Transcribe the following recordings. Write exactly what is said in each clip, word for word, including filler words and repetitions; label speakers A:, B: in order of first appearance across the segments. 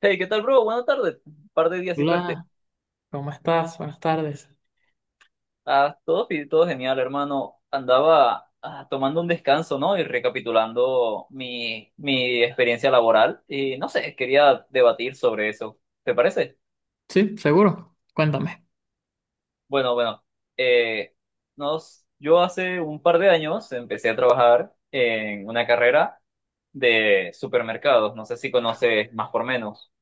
A: Hey, ¿qué tal, bro? Buenas tardes. Un par de días sin verte.
B: Hola, ¿cómo estás? Buenas tardes.
A: Ah, todo, fi- todo genial, hermano. Andaba ah, tomando un descanso, ¿no? Y recapitulando mi, mi experiencia laboral. Y no sé, quería debatir sobre eso. ¿Te parece?
B: Sí, seguro. Cuéntame.
A: Bueno, bueno. eh, nos, yo hace un par de años empecé a trabajar en una carrera de supermercados. No sé si conoces más por menos.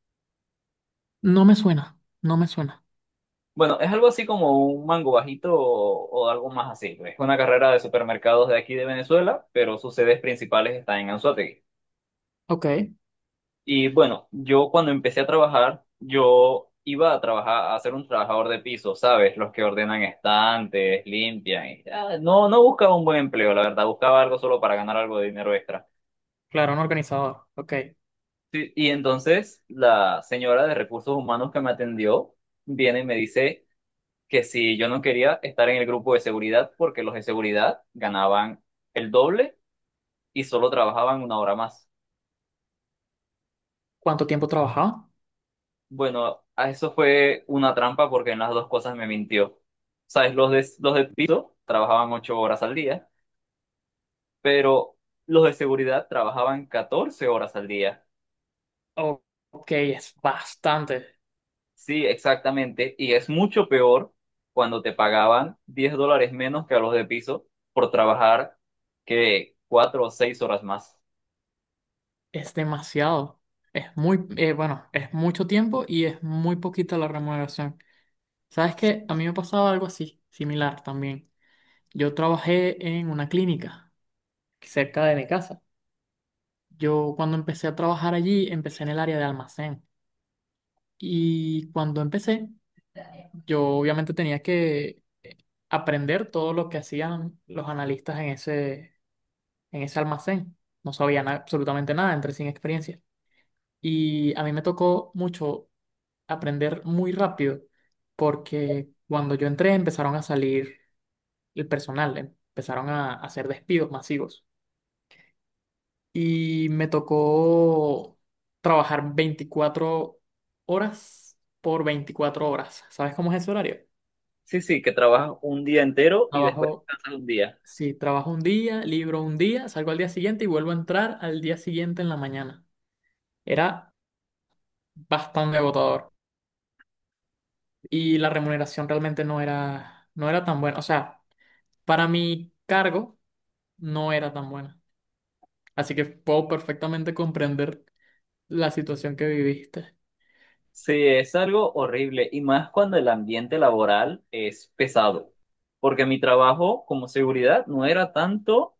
B: No me suena, no me suena.
A: Bueno, es algo así como un mango bajito o, o algo más así. Es una carrera de supermercados de aquí de Venezuela, pero sus sedes principales están en Anzoátegui.
B: Ok,
A: Y bueno, yo cuando empecé a trabajar, yo iba a trabajar, a ser un trabajador de piso, ¿sabes? Los que ordenan estantes, limpian. Y, ah, no, no buscaba un buen empleo, la verdad, buscaba algo solo para ganar algo de dinero extra.
B: claro, un organizador. Ok.
A: Sí, y entonces la señora de recursos humanos que me atendió viene y me dice que si yo no quería estar en el grupo de seguridad porque los de seguridad ganaban el doble y solo trabajaban una hora más.
B: ¿Cuánto tiempo trabajaba?
A: Bueno, a eso fue una trampa porque en las dos cosas me mintió. Sabes, los de, los de piso trabajaban ocho horas al día, pero los de seguridad trabajaban catorce horas al día.
B: O- Ok, es bastante,
A: Sí, exactamente. Y es mucho peor cuando te pagaban diez dólares menos que a los de piso por trabajar que cuatro o seis horas más.
B: es demasiado. Es muy, eh, bueno, es mucho tiempo y es muy poquita la remuneración. ¿Sabes qué? A mí me pasaba algo así, similar también. Yo trabajé en una clínica cerca de mi casa. Yo cuando empecé a trabajar allí, empecé en el área de almacén. Y cuando empecé, yo obviamente tenía que aprender todo lo que hacían los analistas en ese, en ese almacén. No sabían absolutamente nada, entré sin experiencia. Y a mí me tocó mucho aprender muy rápido, porque cuando yo entré empezaron a salir el personal, empezaron a hacer despidos masivos. Y me tocó trabajar veinticuatro horas por veinticuatro horas. ¿Sabes cómo es ese horario?
A: Sí, sí, que trabajas un día entero y después
B: Trabajo,
A: descansas un día.
B: sí, trabajo un día, libro un día, salgo al día siguiente y vuelvo a entrar al día siguiente en la mañana. Era bastante agotador y la remuneración realmente no era, no era tan buena. O sea, para mi cargo no era tan buena. Así que puedo perfectamente comprender la situación que viviste.
A: Sí, es algo horrible y más cuando el ambiente laboral es pesado, porque mi trabajo como seguridad no era tanto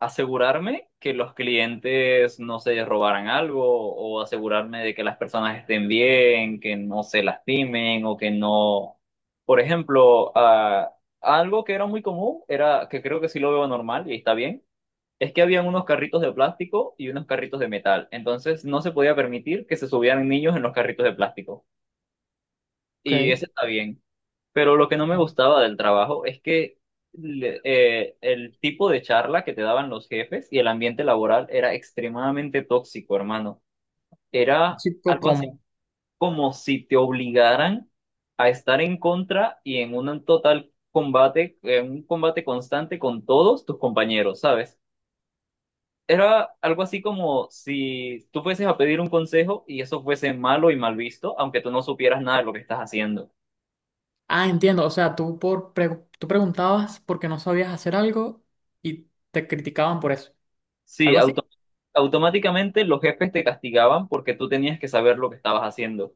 A: asegurarme que los clientes no se robaran algo o asegurarme de que las personas estén bien, que no se lastimen o que no... Por ejemplo, ah, algo que era muy común era, que creo que sí lo veo normal y está bien. Es que habían unos carritos de plástico y unos carritos de metal. Entonces no se podía permitir que se subieran niños en los carritos de plástico. Y
B: Ok.
A: eso está bien. Pero lo que no me
B: Claro.
A: gustaba del trabajo es que le- eh, el tipo de charla que te daban los jefes y el ambiente laboral era extremadamente tóxico, hermano. Era
B: Tóxico,
A: algo así
B: ¿cómo?
A: como si te obligaran a estar en contra y en un total combate, en un combate constante con todos tus compañeros, ¿sabes? Era algo así como si tú fueses a pedir un consejo y eso fuese malo y mal visto, aunque tú no supieras nada de lo que estás haciendo.
B: Ah, entiendo. O sea, tú, por pre- tú preguntabas por qué no sabías hacer algo y te criticaban por eso.
A: Sí,
B: ¿Algo así?
A: auto- automáticamente los jefes te castigaban porque tú tenías que saber lo que estabas haciendo.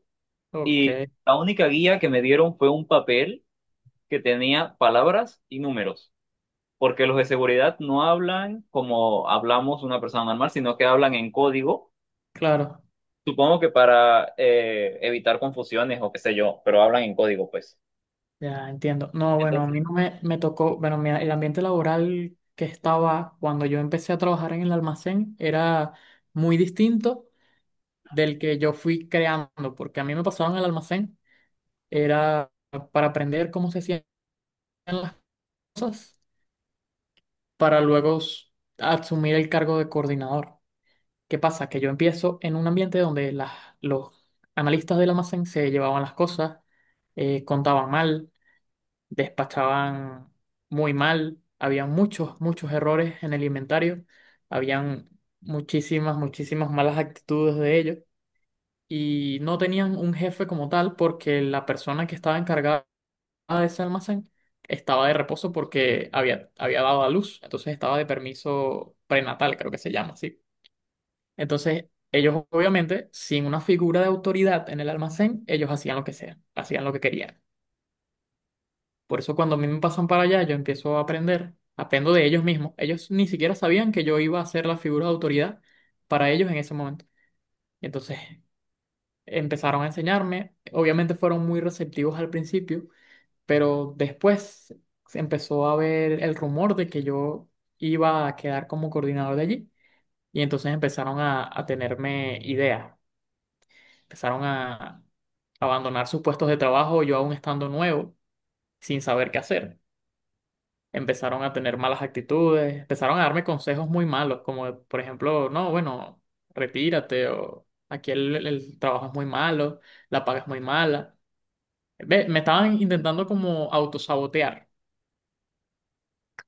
B: Ok,
A: Y la única guía que me dieron fue un papel que tenía palabras y números, porque los de seguridad no hablan como hablamos una persona normal, sino que hablan en código,
B: claro.
A: supongo que para eh, evitar confusiones o qué sé yo, pero hablan en código, pues.
B: Ya entiendo. No, bueno, a mí
A: Entonces,
B: no me, me tocó, bueno, mi- el ambiente laboral que estaba cuando yo empecé a trabajar en el almacén era muy distinto del que yo fui creando, porque a mí me pasaba en el almacén, era para aprender cómo se hacían las cosas, para luego s- asumir el cargo de coordinador. ¿Qué pasa? Que yo empiezo en un ambiente donde las, los analistas del almacén se llevaban las cosas, eh, contaban mal despachaban muy mal, había muchos, muchos errores en el inventario, habían muchísimas, muchísimas malas actitudes de ellos y no tenían un jefe como tal porque la persona que estaba encargada de ese almacén estaba de reposo porque había, había dado a luz, entonces estaba de permiso prenatal, creo que se llama así. Entonces, ellos obviamente, sin una figura de autoridad en el almacén, ellos hacían lo que sea, hacían lo que querían. Por eso cuando a mí me pasan para allá, yo empiezo a aprender, aprendo de ellos mismos. Ellos ni siquiera sabían que yo iba a ser la figura de autoridad para ellos en ese momento. Entonces empezaron a enseñarme, obviamente fueron muy receptivos al principio, pero después se empezó a ver el rumor de que yo iba a quedar como coordinador de allí y entonces empezaron a, a tenerme ideas, empezaron a abandonar sus puestos de trabajo, yo aún estando nuevo, sin saber qué hacer. Empezaron a tener malas actitudes, empezaron a darme consejos muy malos, como por ejemplo, no, bueno, retírate o aquí el, el trabajo es muy malo, la paga es muy mala. Ve, me estaban intentando como autosabotear.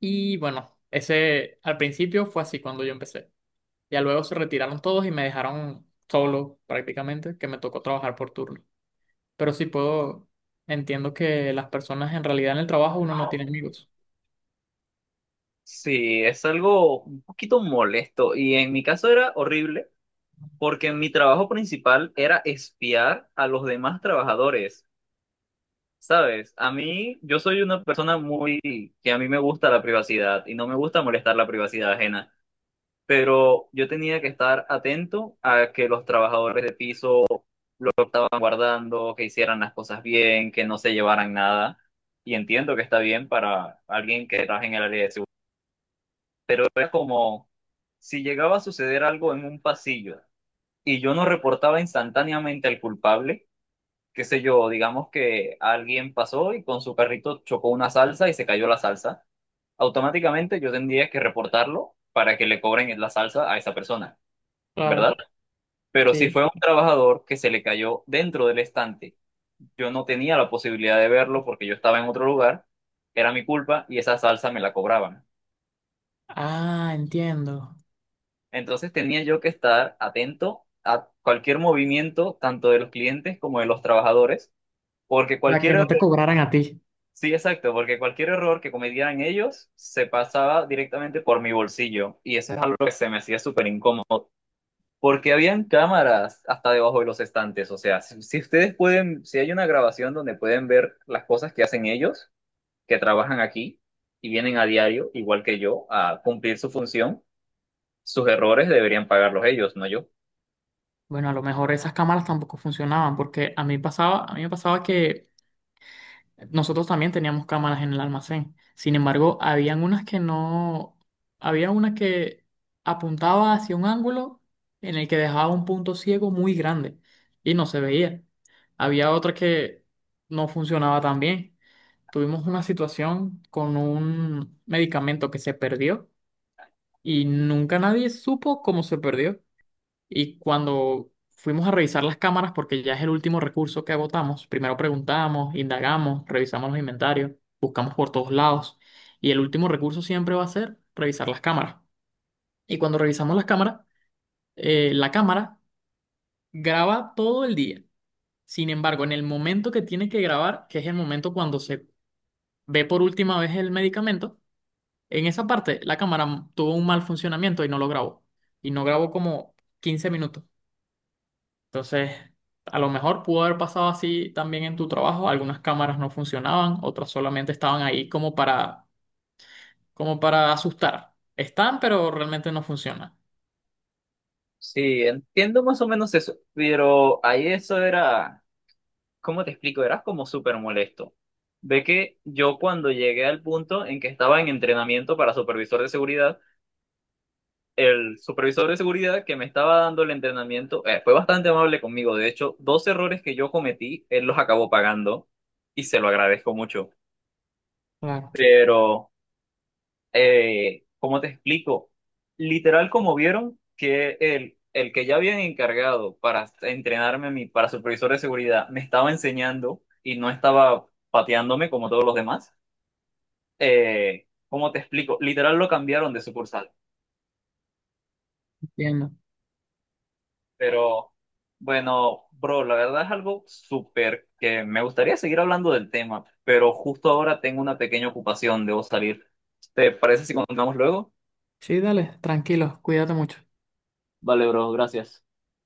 B: Y bueno, ese al principio fue así cuando yo empecé. Ya luego se retiraron todos y me dejaron solo prácticamente, que me tocó trabajar por turno. Pero sí puedo, entiendo que las personas en realidad en el trabajo uno no tiene amigos.
A: sí, es algo un poquito molesto y en mi caso era horrible porque mi trabajo principal era espiar a los demás trabajadores, ¿sabes? A mí, yo soy una persona muy que a mí me gusta la privacidad y no me gusta molestar la privacidad ajena, pero yo tenía que estar atento a que los trabajadores de piso estaban guardando, que hicieran las cosas bien, que no se llevaran nada, y entiendo que está bien para alguien que trabaja en el área de seguridad, pero era como si llegaba a suceder algo en un pasillo y yo no reportaba instantáneamente al culpable, qué sé yo, digamos que alguien pasó y con su carrito chocó una salsa y se cayó la salsa, automáticamente yo tendría que reportarlo para que le cobren la salsa a esa persona,
B: Claro,
A: ¿verdad? Pero si
B: sí.
A: fue un trabajador que se le cayó dentro del estante, yo no tenía la posibilidad de verlo porque yo estaba en otro lugar, era mi culpa y esa salsa me la cobraban.
B: Ah, entiendo.
A: Entonces tenía yo que estar atento a cualquier movimiento, tanto de los clientes como de los trabajadores, porque
B: Para que
A: cualquier
B: no
A: error,
B: te cobraran a ti.
A: sí, exacto, porque cualquier error que cometieran ellos se pasaba directamente por mi bolsillo y eso es algo que se me hacía súper incómodo, porque habían cámaras hasta debajo de los estantes, o sea, si, si ustedes pueden, si hay una grabación donde pueden ver las cosas que hacen ellos, que trabajan aquí y vienen a diario, igual que yo, a cumplir su función, sus errores deberían pagarlos ellos, no yo.
B: Bueno, a lo mejor esas cámaras tampoco funcionaban, porque a mí pasaba, a mí me pasaba que nosotros también teníamos cámaras en el almacén. Sin embargo, habían unas que no, había una que apuntaba hacia un ángulo en el que dejaba un punto ciego muy grande y no se veía. Había otra que no funcionaba tan bien. Tuvimos una situación con un medicamento que se perdió y nunca nadie supo cómo se perdió. Y cuando fuimos a revisar las cámaras, porque ya es el último recurso que agotamos, primero preguntamos, indagamos, revisamos los inventarios, buscamos por todos lados. Y el último recurso siempre va a ser revisar las cámaras. Y cuando revisamos las cámaras, eh, la cámara graba todo el día. Sin embargo, en el momento que tiene que grabar, que es el momento cuando se ve por última vez el medicamento, en esa parte la cámara tuvo un mal funcionamiento y no lo grabó. Y no grabó como quince minutos. Entonces, a lo mejor pudo haber pasado así también en tu trabajo. Algunas cámaras no funcionaban, otras solamente estaban ahí como para, como para asustar. Están, pero realmente no funcionan.
A: Sí, entiendo más o menos eso, pero ahí eso era, ¿cómo te explico? Era como súper molesto. Ve que yo cuando llegué al punto en que estaba en entrenamiento para supervisor de seguridad, el supervisor de seguridad que me estaba dando el entrenamiento eh, fue bastante amable conmigo. De hecho, dos errores que yo cometí, él los acabó pagando y se lo agradezco mucho.
B: Claro,
A: Pero eh, ¿cómo te explico? Literal, como vieron que el, el que ya habían encargado para entrenarme a mí, para supervisor de seguridad, me estaba enseñando y no estaba pateándome como todos los demás. Eh, ¿cómo te explico? Literal lo cambiaron de sucursal.
B: entiendo.
A: Pero bueno, bro, la verdad es algo súper que me gustaría seguir hablando del tema, pero justo ahora tengo una pequeña ocupación, debo salir. ¿Te parece si continuamos luego?
B: Sí, dale, tranquilo, cuídate mucho.
A: Vale, bro, gracias.